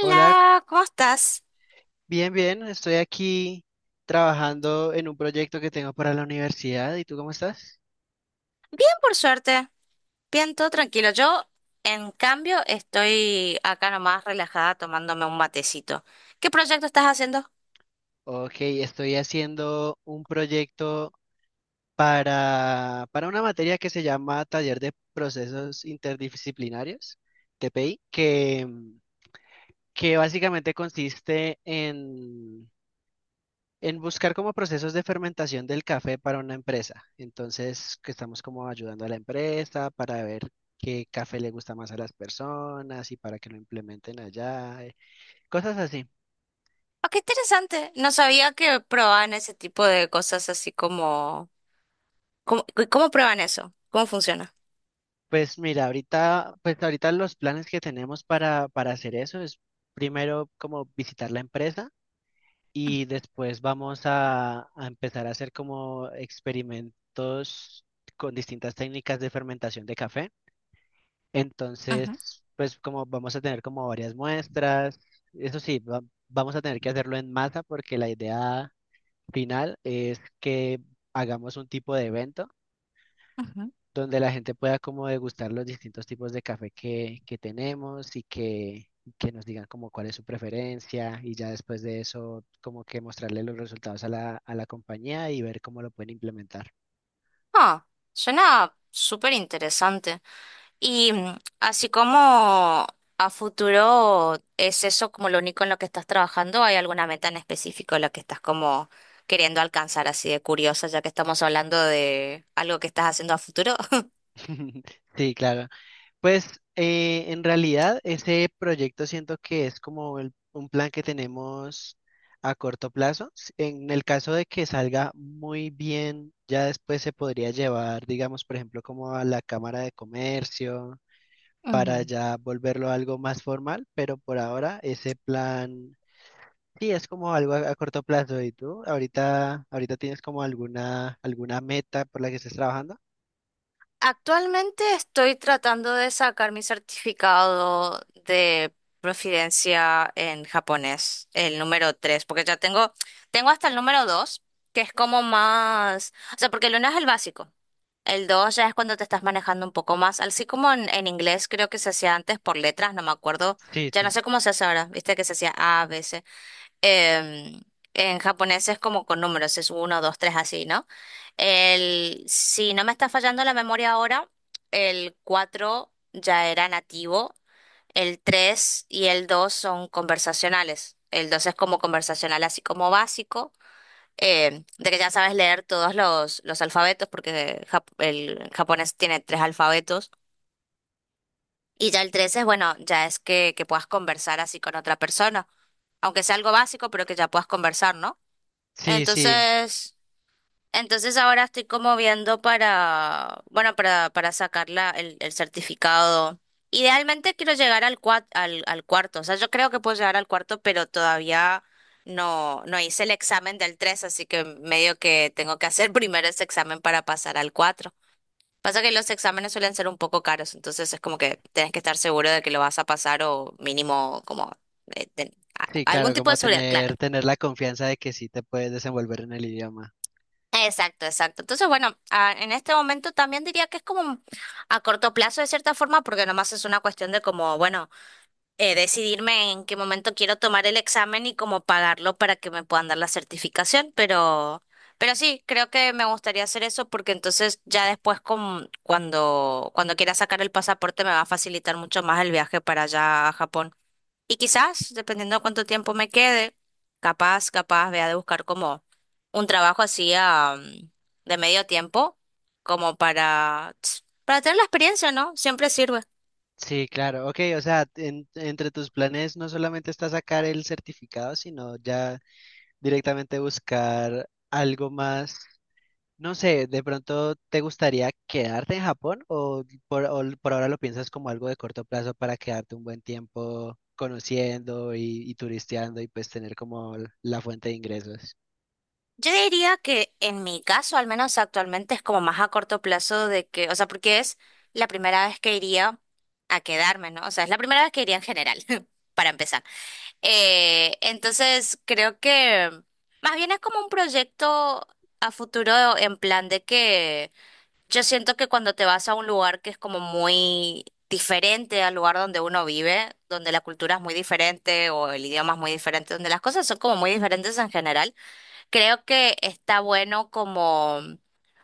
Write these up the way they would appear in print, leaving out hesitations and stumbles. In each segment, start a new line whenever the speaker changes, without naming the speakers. Hola,
¿cómo estás?
bien, bien. Estoy aquí trabajando en un proyecto que tengo para la universidad. ¿Y tú cómo estás?
Bien, por suerte. Bien, todo tranquilo. Yo, en cambio, estoy acá nomás relajada tomándome un matecito. ¿Qué proyecto estás haciendo?
Ok, estoy haciendo un proyecto para una materia que se llama Taller de Procesos Interdisciplinarios, TPI, que básicamente consiste en buscar como procesos de fermentación del café para una empresa. Entonces, que estamos como ayudando a la empresa para ver qué café le gusta más a las personas y para que lo implementen allá, cosas así.
Ah, qué interesante. No sabía que probaban ese tipo de cosas así como... ¿¿Cómo prueban eso? ¿Cómo funciona?
Pues mira, ahorita, pues ahorita los planes que tenemos para hacer eso es primero como visitar la empresa y después vamos a empezar a hacer como experimentos con distintas técnicas de fermentación de café.
Ujú,
Entonces, pues como vamos a tener como varias muestras, eso sí, vamos a tener que hacerlo en masa porque la idea final es que hagamos un tipo de evento
ujú.
donde la gente pueda como degustar los distintos tipos de café que tenemos y que nos digan como cuál es su preferencia, y ya después de eso como que mostrarle los resultados a la compañía y ver cómo lo pueden implementar.
Ah, suena súper interesante. Y así como a futuro, ¿es eso como lo único en lo que estás trabajando? ¿Hay alguna meta en específico en la que estás como queriendo alcanzar así de curiosa, ya que estamos hablando de algo que estás haciendo a futuro?
Sí, claro. Pues en realidad ese proyecto siento que es como un plan que tenemos a corto plazo. En el caso de que salga muy bien, ya después se podría llevar, digamos, por ejemplo, como a la Cámara de Comercio para
Ujú.
ya volverlo algo más formal, pero por ahora ese plan sí es como algo a corto plazo. ¿Y tú ahorita, ahorita tienes como alguna meta por la que estés trabajando?
Actualmente estoy tratando de sacar mi certificado de proficiencia en japonés, el número 3 porque tengo hasta el número 2 que es como más, o sea, porque el 1 es el básico. El 2 ya es cuando te estás manejando un poco más, así como en inglés creo que se hacía antes por letras, no me acuerdo,
Sí,
ya no
sí.
sé cómo se hace ahora, viste que se hacía A, B, C. Em, en japonés es como con números, es uno, 2, 3, así, ¿no? El, si no me está fallando la memoria ahora, el 4 ya era nativo, el 3 y el 2 son conversacionales, el 2 es como conversacional, así como básico, de que ya sabes leer los alfabetos, porque el japonés tiene tres alfabetos. Y ya el tres es, bueno, ya es que puedas conversar así con otra persona, aunque sea algo básico, pero que ya puedas conversar, ¿no?
Sí, sí.
Entonces, entonces ahora estoy como viendo para, bueno, para sacar el certificado. Idealmente quiero llegar al, al cuarto, o sea, yo creo que puedo llegar al cuarto, pero todavía no hice el examen del 3, así que medio que tengo que hacer primero ese examen para pasar al 4. Pasa que los exámenes suelen ser un poco caros, entonces es como que tienes que estar seguro de que lo vas a pasar o mínimo como eh, ten-
Sí,
algún
claro,
tipo
como
de seguridad, claro.
tener la confianza de que sí te puedes desenvolver en el idioma.
Exacto, exacto. Entonces, bueno, ah, en este momento también diría que es como a corto plazo de cierta forma, porque nomás es una cuestión de como, bueno, decidirme en qué momento quiero tomar el examen y cómo pagarlo para que me puedan dar la certificación, pero sí, creo que me gustaría hacer eso porque entonces ya después cuando quiera sacar el pasaporte me va a facilitar mucho más el viaje para allá a Japón. Y quizás, dependiendo de cuánto tiempo me quede, capaz, vea de buscar como un trabajo así de medio tiempo, como para tener la experiencia, ¿no? Siempre sirve.
Sí, claro, ok, o sea, entre tus planes no solamente está sacar el certificado, sino ya directamente buscar algo más, no sé, de pronto te gustaría quedarte en Japón o por ahora lo piensas como algo de corto plazo para quedarte un buen tiempo conociendo y turisteando y pues tener como la fuente de ingresos.
Yo diría que en mi caso, al menos actualmente, es como más a corto plazo de que, o sea, porque es la primera vez que iría a quedarme, ¿no? O sea, es la primera vez que iría en general, para empezar. Entonces, creo que más bien es como un proyecto a futuro en plan de que yo siento que cuando te vas a un lugar que es como muy diferente al lugar donde uno vive, donde la cultura es muy diferente o el idioma es muy diferente, donde las cosas son como muy diferentes en general, creo que está bueno como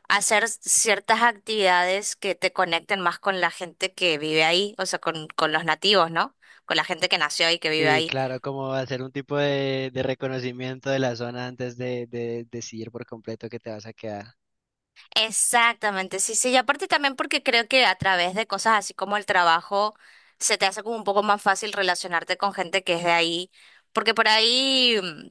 hacer ciertas actividades que te conecten más con la gente que vive ahí, o sea, con los nativos, ¿no? Con la gente que nació y que vive
Sí,
ahí.
claro, como hacer un tipo de reconocimiento de la zona antes de decidir por completo que te vas a quedar.
Exactamente, sí, sí, y aparte también porque creo que a través de cosas así como el trabajo se te hace como un poco más fácil relacionarte con gente que es de ahí, porque por ahí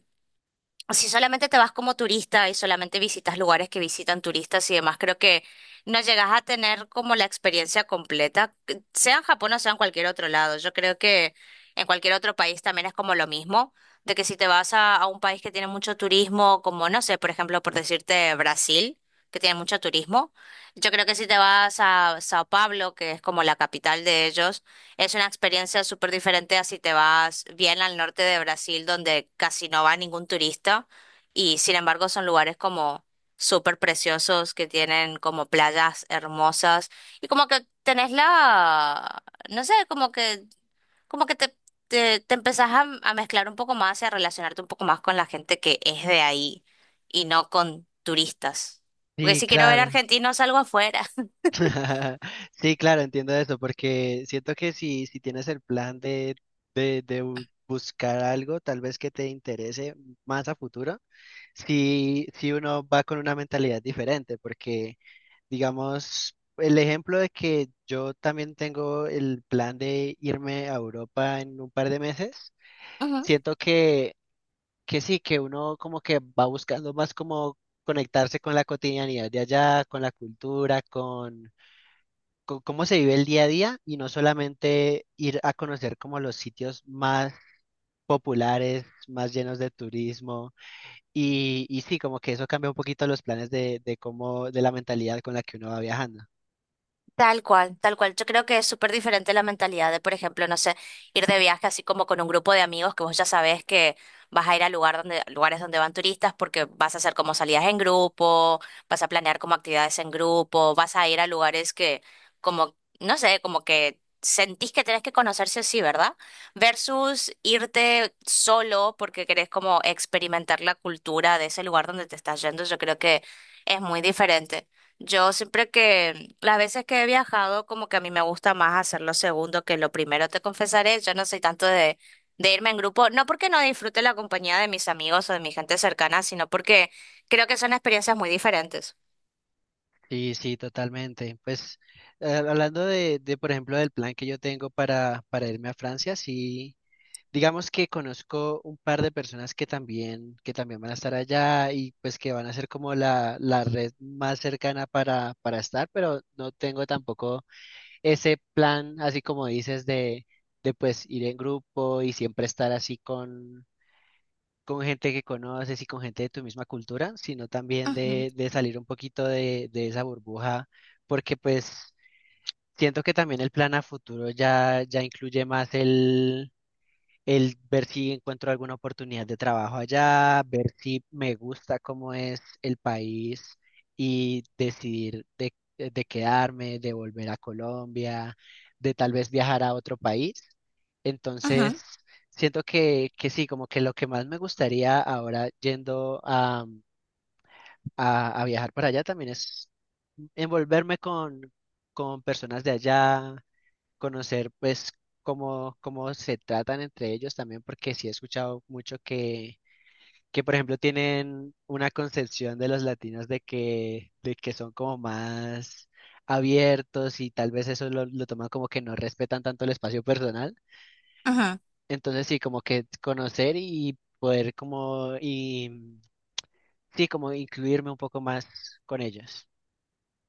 si solamente te vas como turista y solamente visitas lugares que visitan turistas y demás, creo que no llegas a tener como la experiencia completa, que sea en Japón o sea en cualquier otro lado. Yo creo que en cualquier otro país también es como lo mismo, de que si te vas a un país que tiene mucho turismo, como no sé, por ejemplo, por decirte Brasil, que tiene mucho turismo, yo creo que si te vas a Sao Paulo, que es como la capital de ellos, es una experiencia súper diferente a si te vas bien al norte de Brasil, donde casi no va ningún turista, y sin embargo son lugares como súper preciosos, que tienen como playas hermosas, y como que tenés la, no sé, como que te empezás a mezclar un poco más y a relacionarte un poco más con la gente que es de ahí, y no con turistas. Porque
Sí,
si quiero ver
claro.
argentinos, salgo afuera.
Sí, claro, entiendo eso, porque siento que si, si tienes el plan de buscar algo, tal vez que te interese más a futuro, si, si uno va con una mentalidad diferente. Porque digamos, el ejemplo de que yo también tengo el plan de irme a Europa en un par de meses, siento que sí, que uno como que va buscando más como conectarse con la cotidianidad de allá, con la cultura, con cómo se vive el día a día y no solamente ir a conocer como los sitios más populares, más llenos de turismo y sí, como que eso cambia un poquito los planes de cómo, de la mentalidad con la que uno va viajando.
Tal cual, tal cual. Yo creo que es súper diferente la mentalidad de, por ejemplo, no sé, ir de viaje así como con un grupo de amigos que vos ya sabés que vas a ir a lugar donde, lugares donde van turistas porque vas a hacer como salidas en grupo, vas a planear como actividades en grupo, vas a ir a lugares que como, no sé, como que sentís que tenés que conocerse así, ¿verdad? Versus irte solo porque querés como experimentar la cultura de ese lugar donde te estás yendo. Yo creo que es muy diferente. Yo siempre que, las veces que he viajado, como que a mí me gusta más hacer lo segundo que lo primero, te confesaré, yo no soy tanto de irme en grupo, no porque no disfrute la compañía de mis amigos o de mi gente cercana, sino porque creo que son experiencias muy diferentes.
Sí, sí, totalmente. Pues hablando de, por ejemplo, del plan que yo tengo para irme a Francia, sí, digamos que conozco un par de personas que también van a estar allá y pues que van a ser como la red más cercana para estar, pero no tengo tampoco ese plan, así como dices, de pues ir en grupo y siempre estar así con gente que conoces y con gente de tu misma cultura, sino también
Ujú,
de salir un poquito de esa burbuja, porque pues siento que también el plan a futuro ya incluye más el ver si encuentro alguna oportunidad de trabajo allá, ver si me gusta cómo es el país y decidir de quedarme, de volver a Colombia, de tal vez viajar a otro país. Entonces,
ujú,
siento que sí, como que lo que más me gustaría ahora yendo a viajar para allá también es envolverme con personas de allá, conocer pues cómo, cómo se tratan entre ellos también, porque sí he escuchado mucho que por ejemplo tienen una concepción de los latinos de que son como más abiertos y tal vez eso lo toman como que no respetan tanto el espacio personal.
ujú.
Entonces sí, como que conocer y poder como y sí, como incluirme un poco más con ellos.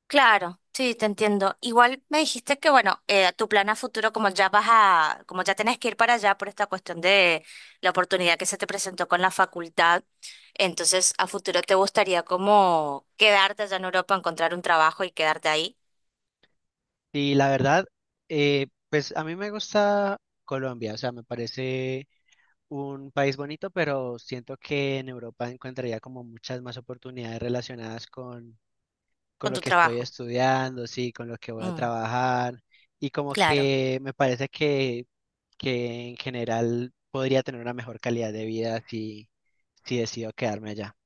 Claro, sí, te entiendo. Igual me dijiste que, bueno, tu plan a futuro, como ya vas a, como ya tenés que ir para allá por esta cuestión de la oportunidad que se te presentó con la facultad, entonces a futuro te gustaría como quedarte allá en Europa, encontrar un trabajo y quedarte ahí
Y la verdad, pues a mí me gusta Colombia, o sea, me parece un país bonito, pero siento que en Europa encontraría como muchas más oportunidades relacionadas con
con
lo
tu
que estoy
trabajo.
estudiando, sí, con lo que voy a
Mm,
trabajar, y como
claro.
que me parece que en general podría tener una mejor calidad de vida si, si decido quedarme allá.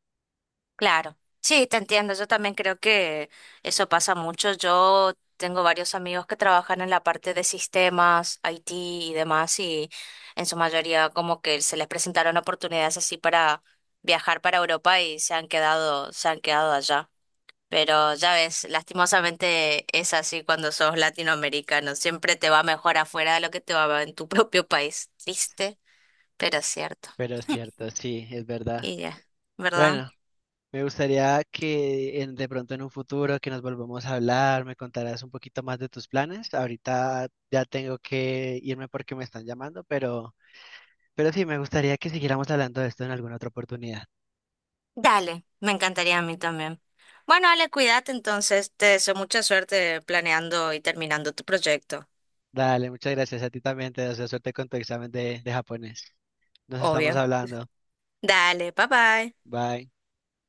Claro, sí, te entiendo. Yo también creo que eso pasa mucho. Yo tengo varios amigos que trabajan en la parte de sistemas, IT y demás, y en su mayoría como que se les presentaron oportunidades así para viajar para Europa y se han quedado allá. Pero ya ves, lastimosamente es así cuando sos latinoamericano. Siempre te va mejor afuera de lo que te va en tu propio país. Triste, pero cierto.
Pero es cierto, sí, es verdad.
Y ya, ¿verdad?
Bueno, me gustaría que de pronto en un futuro que nos volvamos a hablar, me contarás un poquito más de tus planes. Ahorita ya tengo que irme porque me están llamando, pero sí, me gustaría que siguiéramos hablando de esto en alguna otra oportunidad.
Dale, me encantaría a mí también. Bueno, Ale, cuídate entonces. Te deseo mucha suerte planeando y terminando tu proyecto,
Dale, muchas gracias a ti también, te deseo suerte con tu examen de japonés. Nos estamos
obvio.
hablando.
Dale, bye bye.
Bye.